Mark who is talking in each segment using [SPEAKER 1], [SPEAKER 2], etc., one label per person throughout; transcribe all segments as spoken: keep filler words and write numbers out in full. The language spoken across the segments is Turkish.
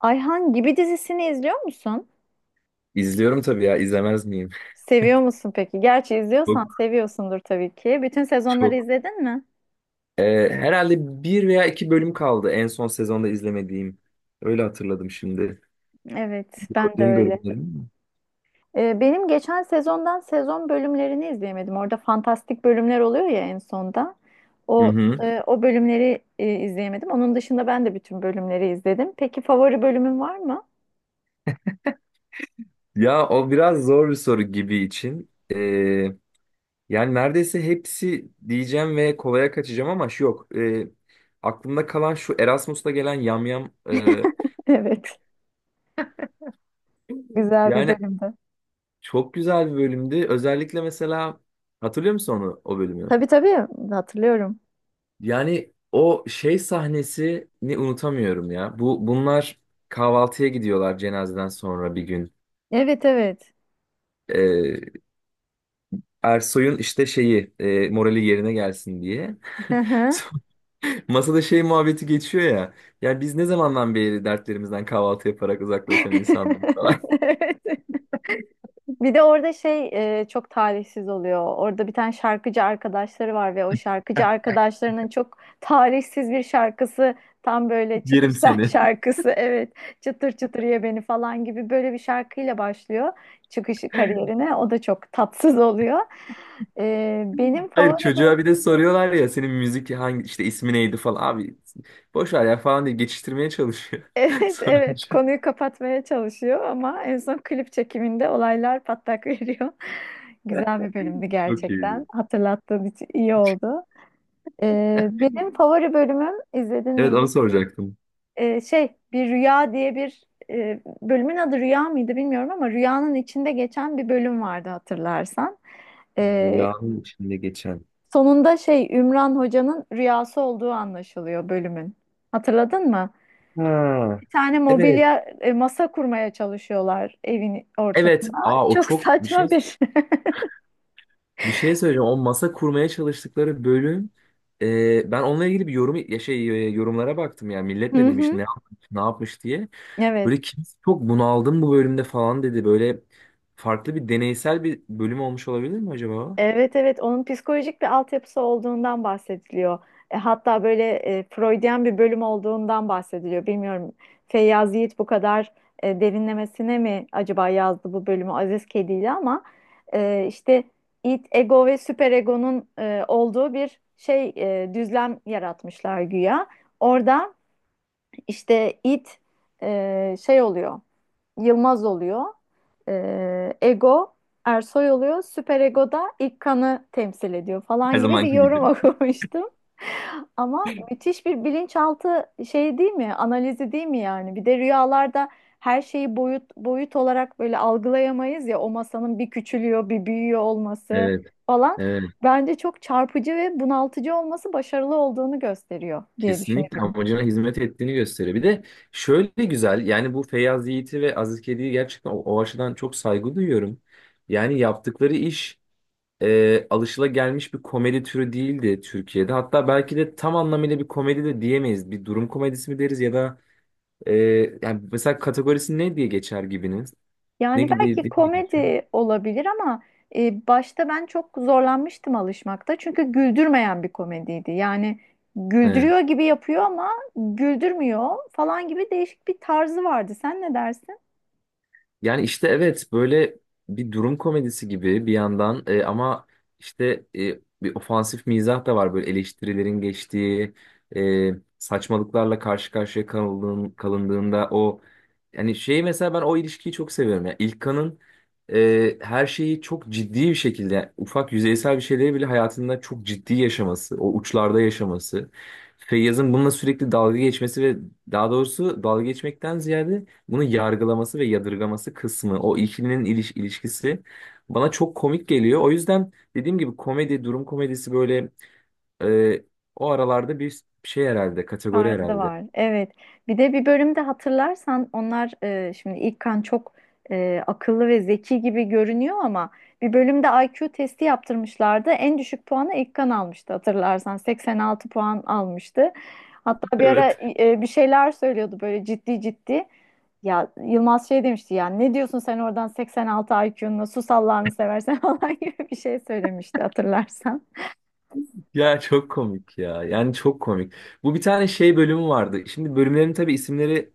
[SPEAKER 1] Ayhan Gibi dizisini izliyor musun?
[SPEAKER 2] İzliyorum tabii ya, izlemez miyim?
[SPEAKER 1] Seviyor musun peki? Gerçi izliyorsan
[SPEAKER 2] Çok
[SPEAKER 1] seviyorsundur tabii ki. Bütün sezonları
[SPEAKER 2] çok.
[SPEAKER 1] izledin mi?
[SPEAKER 2] Ee, herhalde bir veya iki bölüm kaldı en son sezonda izlemediğim. Öyle hatırladım şimdi.
[SPEAKER 1] Evet, ben de
[SPEAKER 2] Gördüğüm
[SPEAKER 1] öyle.
[SPEAKER 2] bölümler mi?
[SPEAKER 1] Ee, benim geçen sezondan sezon bölümlerini izleyemedim. Orada fantastik bölümler oluyor ya en sonda.
[SPEAKER 2] Hı
[SPEAKER 1] O
[SPEAKER 2] hı.
[SPEAKER 1] e, o bölümleri e, izleyemedim. Onun dışında ben de bütün bölümleri izledim. Peki favori bölümün var mı?
[SPEAKER 2] Ya o biraz zor bir soru gibi için. Ee, yani neredeyse hepsi diyeceğim ve kolaya kaçacağım ama şu yok. Ee, aklımda kalan şu Erasmus'ta gelen yamyam. E,
[SPEAKER 1] Evet. Güzel bir
[SPEAKER 2] yani
[SPEAKER 1] bölümdü.
[SPEAKER 2] çok güzel bir bölümdü. Özellikle mesela hatırlıyor musun onu, o bölümü?
[SPEAKER 1] Tabii tabii, hatırlıyorum.
[SPEAKER 2] Yani o şey sahnesini unutamıyorum ya. Bu bunlar kahvaltıya gidiyorlar cenazeden sonra bir gün.
[SPEAKER 1] Evet, evet.
[SPEAKER 2] Ee, Ersoy'un işte şeyi e, morali yerine gelsin diye.
[SPEAKER 1] Hı hı.
[SPEAKER 2] Sonra masada şey muhabbeti geçiyor ya. Yani biz ne zamandan beri dertlerimizden kahvaltı yaparak uzaklaşan insanlar falan.
[SPEAKER 1] Evet. Bir de orada şey e, çok talihsiz oluyor. Orada bir tane şarkıcı arkadaşları var ve o şarkıcı arkadaşlarının çok talihsiz bir şarkısı, tam böyle çıkış
[SPEAKER 2] Yerim
[SPEAKER 1] sah-
[SPEAKER 2] seni.
[SPEAKER 1] şarkısı, evet, çıtır çıtır ye beni falan gibi böyle bir şarkıyla başlıyor çıkışı kariyerine. O da çok tatsız oluyor. E, benim
[SPEAKER 2] Hayır,
[SPEAKER 1] favori böyle-
[SPEAKER 2] çocuğa bir de soruyorlar ya senin müzik hangi işte ismi neydi falan. Abi boş ver ya falan diye geçiştirmeye çalışıyor.
[SPEAKER 1] evet evet,
[SPEAKER 2] Sorunca
[SPEAKER 1] konuyu kapatmaya çalışıyor ama en son klip çekiminde olaylar patlak veriyor. Güzel bir bölümdü
[SPEAKER 2] çok iyiydi.
[SPEAKER 1] gerçekten. Hatırlattığın için iyi oldu. Ee, benim favori bölümüm, izledin
[SPEAKER 2] Evet,
[SPEAKER 1] mi? Bir,
[SPEAKER 2] onu soracaktım.
[SPEAKER 1] ee, şey bir rüya diye bir, e, bölümün adı rüya mıydı bilmiyorum ama rüyanın içinde geçen bir bölüm vardı hatırlarsan. Ee,
[SPEAKER 2] Rüyanın içinde geçen.
[SPEAKER 1] Sonunda şey, Ümran Hoca'nın rüyası olduğu anlaşılıyor bölümün. Hatırladın mı?
[SPEAKER 2] Ha.
[SPEAKER 1] Bir tane
[SPEAKER 2] Evet.
[SPEAKER 1] mobilya e, masa kurmaya çalışıyorlar evin
[SPEAKER 2] Evet.
[SPEAKER 1] ortasına.
[SPEAKER 2] Aa o
[SPEAKER 1] Çok
[SPEAKER 2] çok bir şey,
[SPEAKER 1] saçma bir.
[SPEAKER 2] bir şey söyleyeceğim. O masa kurmaya çalıştıkları bölüm, e, ben onunla ilgili bir yorum ya şey e, yorumlara baktım yani millet ne
[SPEAKER 1] Hı
[SPEAKER 2] demiş,
[SPEAKER 1] hı.
[SPEAKER 2] ne yapmış, ne yapmış diye.
[SPEAKER 1] Evet.
[SPEAKER 2] Böyle kimse çok bunaldım bu bölümde falan dedi. Böyle farklı bir, deneysel bir bölüm olmuş olabilir mi acaba?
[SPEAKER 1] Evet evet, onun psikolojik bir altyapısı olduğundan bahsediliyor. E, hatta böyle, e, Freudian bir bölüm olduğundan bahsediliyor. Bilmiyorum, Feyyaz Yiğit bu kadar e, derinlemesine mi acaba yazdı bu bölümü Aziz Kedi ile, ama e, işte id, ego ve süperegonun e, olduğu bir şey e, düzlem yaratmışlar güya. Orada işte it e, şey oluyor. Yılmaz oluyor. E, Ego Ersoy oluyor. Süper Ego da İlkan'ı temsil ediyor
[SPEAKER 2] Her
[SPEAKER 1] falan gibi bir
[SPEAKER 2] zamanki
[SPEAKER 1] yorum
[SPEAKER 2] gibi.
[SPEAKER 1] okumuştum. Ama müthiş bir bilinçaltı şey değil mi? Analizi değil mi yani? Bir de rüyalarda her şeyi boyut boyut olarak böyle algılayamayız ya, o masanın bir küçülüyor, bir büyüyor olması
[SPEAKER 2] Evet.
[SPEAKER 1] falan.
[SPEAKER 2] Evet.
[SPEAKER 1] Bence çok çarpıcı ve bunaltıcı olması başarılı olduğunu gösteriyor diye
[SPEAKER 2] Kesinlikle
[SPEAKER 1] düşünüyorum.
[SPEAKER 2] amacına hizmet ettiğini gösteriyor. Bir de şöyle güzel yani bu Feyyaz Yiğit'i ve Aziz Kedi'yi gerçekten o, o açıdan çok saygı duyuyorum. Yani yaptıkları iş e, alışılagelmiş bir komedi türü değildi Türkiye'de. Hatta belki de tam anlamıyla bir komedi de diyemeyiz. Bir durum komedisi mi deriz ya da e, yani mesela kategorisi ne diye geçer gibiniz? Ne
[SPEAKER 1] Yani
[SPEAKER 2] gibi
[SPEAKER 1] belki
[SPEAKER 2] diye geçiyor?
[SPEAKER 1] komedi olabilir ama e, başta ben çok zorlanmıştım alışmakta. Çünkü güldürmeyen bir komediydi. Yani
[SPEAKER 2] He.
[SPEAKER 1] güldürüyor gibi yapıyor ama güldürmüyor falan gibi değişik bir tarzı vardı. Sen ne dersin?
[SPEAKER 2] Yani işte evet, böyle bir durum komedisi gibi bir yandan, e, ama işte e, bir ofansif mizah da var, böyle eleştirilerin geçtiği, e, saçmalıklarla karşı karşıya kalındığın, kalındığında o yani şeyi mesela ben o ilişkiyi çok seviyorum ya, İlkan'ın e, her şeyi çok ciddi bir şekilde, yani ufak yüzeysel bir şeyleri bile hayatında çok ciddi yaşaması, o uçlarda yaşaması, Feyyaz'ın bununla sürekli dalga geçmesi ve daha doğrusu dalga geçmekten ziyade bunu yargılaması ve yadırgaması kısmı, o ikilinin iliş ilişkisi bana çok komik geliyor. O yüzden dediğim gibi komedi, durum komedisi böyle e, o aralarda bir şey herhalde, kategori
[SPEAKER 1] Tarzı
[SPEAKER 2] herhalde.
[SPEAKER 1] var. Evet. Bir de bir bölümde hatırlarsan, onlar e, şimdi İlkan çok e, akıllı ve zeki gibi görünüyor ama bir bölümde I Q testi yaptırmışlardı. En düşük puanı İlkan almıştı hatırlarsan. seksen altı puan almıştı. Hatta bir ara
[SPEAKER 2] Evet.
[SPEAKER 1] e, bir şeyler söylüyordu böyle ciddi ciddi. Ya Yılmaz şey demişti ya, ne diyorsun sen oradan seksen altı I Q'nla, sus Allah'ını seversen falan gibi bir şey söylemişti hatırlarsan.
[SPEAKER 2] Ya çok komik ya. Yani çok komik. Bu bir tane şey bölümü vardı. Şimdi bölümlerin tabii isimleri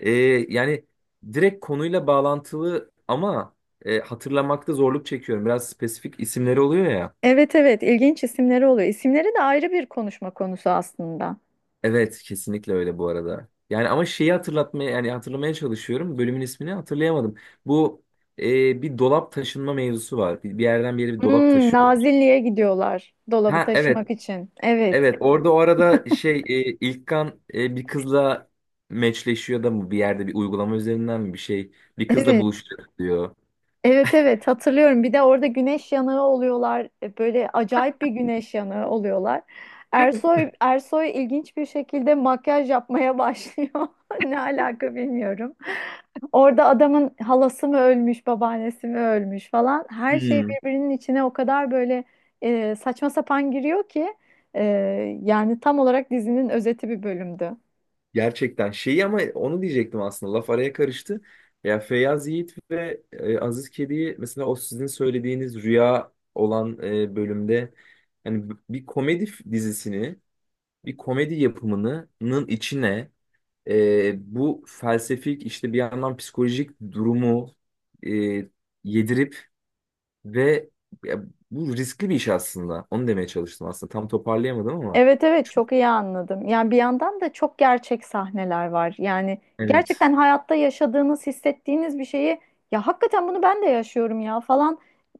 [SPEAKER 2] e, yani direkt konuyla bağlantılı ama e, hatırlamakta zorluk çekiyorum. Biraz spesifik isimleri oluyor ya.
[SPEAKER 1] Evet evet, ilginç isimleri oluyor. İsimleri de ayrı bir konuşma konusu aslında.
[SPEAKER 2] Evet, kesinlikle öyle bu arada. Yani ama şeyi hatırlatmaya, yani hatırlamaya çalışıyorum. Bölümün ismini hatırlayamadım. Bu e, bir dolap taşınma mevzusu var. Bir, bir yerden bir yere bir dolap
[SPEAKER 1] Hmm,
[SPEAKER 2] taşıyorlar.
[SPEAKER 1] Nazilli'ye gidiyorlar dolabı
[SPEAKER 2] Ha evet.
[SPEAKER 1] taşımak için. Evet.
[SPEAKER 2] Evet, orada o arada şey e, İlkan e, bir kızla meçleşiyor da mı, bir yerde bir uygulama üzerinden mi, bir şey bir kızla
[SPEAKER 1] Evet.
[SPEAKER 2] buluşacak diyor.
[SPEAKER 1] Evet evet hatırlıyorum. Bir de orada güneş yanığı oluyorlar. E, böyle acayip bir güneş yanığı oluyorlar. Ersoy Ersoy ilginç bir şekilde makyaj yapmaya başlıyor. Ne alaka bilmiyorum. Orada adamın halası mı ölmüş, babaannesi mi ölmüş falan. Her şey
[SPEAKER 2] Hmm.
[SPEAKER 1] birbirinin içine o kadar böyle e, saçma sapan giriyor ki, e, yani tam olarak dizinin özeti bir bölümdü.
[SPEAKER 2] Gerçekten şeyi, ama onu diyecektim aslında, laf araya karıştı. Ya Feyyaz Yiğit ve e, Aziz Kedi'yi mesela o sizin söylediğiniz rüya olan e, bölümde hani b- bir komedi f- dizisini, bir komedi yapımının içine e, bu felsefik işte bir yandan psikolojik durumu e, yedirip ve ya bu riskli bir iş aslında. Onu demeye çalıştım aslında. Tam toparlayamadım ama.
[SPEAKER 1] Evet evet, çok iyi anladım. Yani bir yandan da çok gerçek sahneler var. Yani
[SPEAKER 2] Evet.
[SPEAKER 1] gerçekten hayatta yaşadığınız, hissettiğiniz bir şeyi, ya hakikaten bunu ben de yaşıyorum ya falan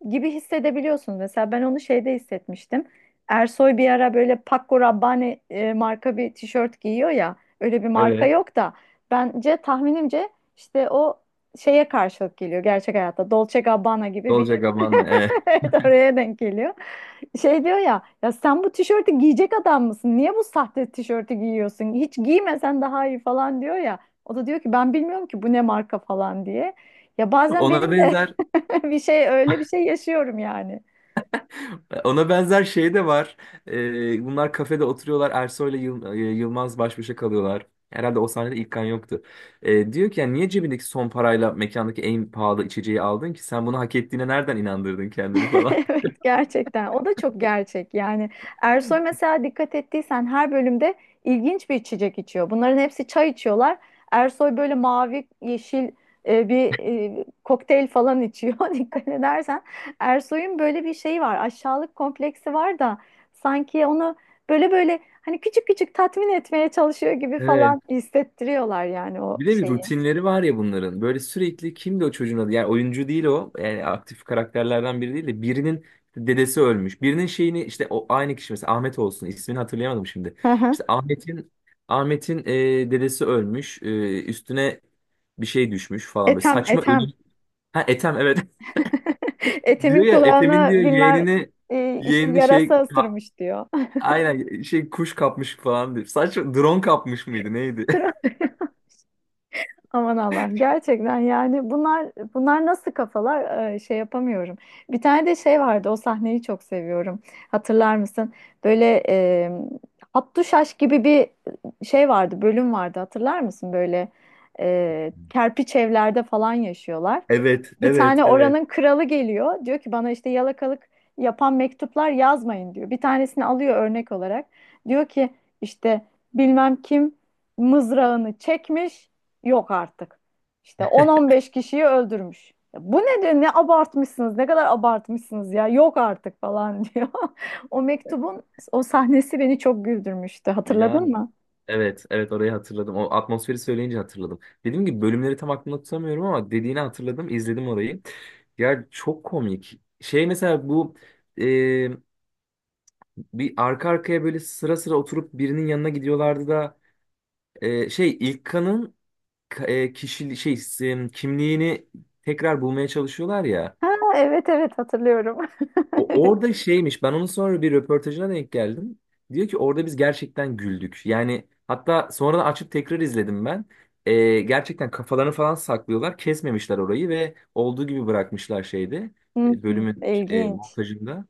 [SPEAKER 1] gibi hissedebiliyorsunuz. Mesela ben onu şeyde hissetmiştim. Ersoy bir ara böyle Paco Rabanne e, marka bir tişört giyiyor ya. Öyle bir marka
[SPEAKER 2] Evet.
[SPEAKER 1] yok da bence tahminimce işte o şeye karşılık geliyor gerçek hayatta. Dolce Gabbana gibi bir.
[SPEAKER 2] Dolce Gabbana. Evet.
[SPEAKER 1] Evet, oraya denk geliyor. Şey diyor ya, ya sen bu tişörtü giyecek adam mısın? Niye bu sahte tişörtü giyiyorsun? Hiç giymesen daha iyi falan diyor ya. O da diyor ki ben bilmiyorum ki bu ne marka falan diye. Ya bazen
[SPEAKER 2] Ona
[SPEAKER 1] benim de
[SPEAKER 2] benzer
[SPEAKER 1] bir şey öyle bir şey yaşıyorum yani.
[SPEAKER 2] Ona benzer şey de var. Ee, bunlar kafede oturuyorlar. Ersoy'la Yıl- e, Yılmaz baş başa kalıyorlar. Herhalde o sahnede İlkan yoktu. Ee, diyor ki yani niye cebindeki son parayla mekandaki en pahalı içeceği aldın ki? Sen bunu hak ettiğine nereden inandırdın kendini falan.
[SPEAKER 1] Evet gerçekten, o da çok gerçek yani. Ersoy mesela dikkat ettiysen her bölümde ilginç bir içecek içiyor, bunların hepsi çay içiyorlar, Ersoy böyle mavi yeşil e, bir e, kokteyl falan içiyor dikkat edersen. Ersoy'un böyle bir şeyi var, aşağılık kompleksi var da, sanki onu böyle böyle hani küçük küçük tatmin etmeye çalışıyor gibi falan hissettiriyorlar yani o
[SPEAKER 2] Bir de bir
[SPEAKER 1] şeyi.
[SPEAKER 2] rutinleri var ya bunların. Böyle sürekli kimdi o çocuğun adı? Yani oyuncu değil o. Yani aktif karakterlerden biri değil de birinin işte dedesi ölmüş. Birinin şeyini işte o aynı kişi mesela Ahmet olsun. İsmini hatırlayamadım şimdi.
[SPEAKER 1] Hı hı.
[SPEAKER 2] İşte Ahmet'in Ahmet'in e, dedesi ölmüş. E, üstüne bir şey düşmüş falan, böyle
[SPEAKER 1] Ethem
[SPEAKER 2] saçma
[SPEAKER 1] Ethem
[SPEAKER 2] ölüm. Ha Ethem, evet.
[SPEAKER 1] Etemin
[SPEAKER 2] Diyor ya Ethem'in
[SPEAKER 1] kulağına
[SPEAKER 2] diyor
[SPEAKER 1] bilmem,
[SPEAKER 2] yeğenini,
[SPEAKER 1] e, işte
[SPEAKER 2] yeğenini şey
[SPEAKER 1] yarasa
[SPEAKER 2] ka-
[SPEAKER 1] ısırmış diyor.
[SPEAKER 2] aynen şey kuş kapmış falan diyor. Saçma, drone kapmış mıydı neydi?
[SPEAKER 1] Aman Allah'ım, gerçekten yani bunlar bunlar nasıl kafalar, e, şey yapamıyorum. Bir tane de şey vardı, o sahneyi çok seviyorum. Hatırlar mısın? Böyle e, Hattuşaş gibi bir şey vardı bölüm vardı hatırlar mısın? Böyle e, kerpiç evlerde falan yaşıyorlar.
[SPEAKER 2] Evet,
[SPEAKER 1] Bir
[SPEAKER 2] evet,
[SPEAKER 1] tane
[SPEAKER 2] evet.
[SPEAKER 1] oranın kralı geliyor. Diyor ki bana işte yalakalık yapan mektuplar yazmayın diyor. Bir tanesini alıyor örnek olarak. Diyor ki işte bilmem kim mızrağını çekmiş, yok artık. İşte on on beş kişiyi öldürmüş. Ya bu ne diyor? Ne abartmışsınız? Ne kadar abartmışsınız ya? Yok artık falan diyor. O mektubun o sahnesi beni çok güldürmüştü.
[SPEAKER 2] Ya
[SPEAKER 1] Hatırladın mı?
[SPEAKER 2] evet, evet orayı hatırladım. O atmosferi söyleyince hatırladım. Dediğim gibi bölümleri tam aklımda tutamıyorum ama dediğini hatırladım, izledim orayı. Ya çok komik. Şey mesela bu e, bir arka arkaya böyle sıra sıra oturup birinin yanına gidiyorlardı da e, şey İlkan'ın ka- e, kişi şey e, kimliğini tekrar bulmaya çalışıyorlar ya.
[SPEAKER 1] Ha, evet evet hatırlıyorum.
[SPEAKER 2] O, orada şeymiş, ben onun sonra bir röportajına denk geldim. Diyor ki orada biz gerçekten güldük. Yani hatta sonradan açıp tekrar izledim ben. Ee, gerçekten kafalarını falan saklıyorlar. Kesmemişler orayı ve olduğu gibi bırakmışlar şeyde.
[SPEAKER 1] Hmm,
[SPEAKER 2] e, Bölümün e,
[SPEAKER 1] ilginç.
[SPEAKER 2] montajında.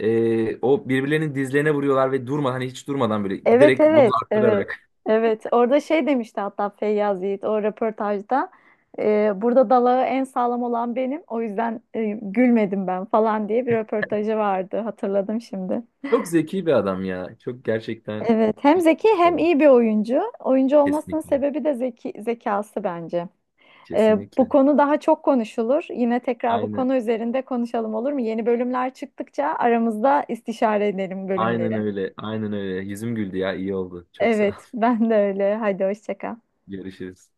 [SPEAKER 2] Ee, o birbirlerinin dizlerine vuruyorlar ve durma hani hiç durmadan, böyle
[SPEAKER 1] Evet
[SPEAKER 2] giderek doz
[SPEAKER 1] evet evet
[SPEAKER 2] arttırarak.
[SPEAKER 1] evet orada şey demişti hatta Feyyaz Yiğit o röportajda, e, burada dalağı en sağlam olan benim, o yüzden e, gülmedim ben falan diye bir röportajı vardı, hatırladım şimdi.
[SPEAKER 2] Çok zeki bir adam ya. Çok gerçekten
[SPEAKER 1] Evet, hem
[SPEAKER 2] iyi
[SPEAKER 1] zeki
[SPEAKER 2] bir
[SPEAKER 1] hem
[SPEAKER 2] adam.
[SPEAKER 1] iyi bir oyuncu, oyuncu olmasının
[SPEAKER 2] Kesinlikle.
[SPEAKER 1] sebebi de zeki, zekası bence. E, bu
[SPEAKER 2] Kesinlikle.
[SPEAKER 1] konu daha çok konuşulur, yine tekrar bu
[SPEAKER 2] Aynen.
[SPEAKER 1] konu üzerinde konuşalım olur mu? Yeni bölümler çıktıkça aramızda istişare edelim
[SPEAKER 2] Aynen
[SPEAKER 1] bölümleri.
[SPEAKER 2] öyle. Aynen öyle. Yüzüm güldü ya. İyi oldu. Çok sağ.
[SPEAKER 1] Evet ben de öyle, hadi hoşça kal.
[SPEAKER 2] Görüşürüz.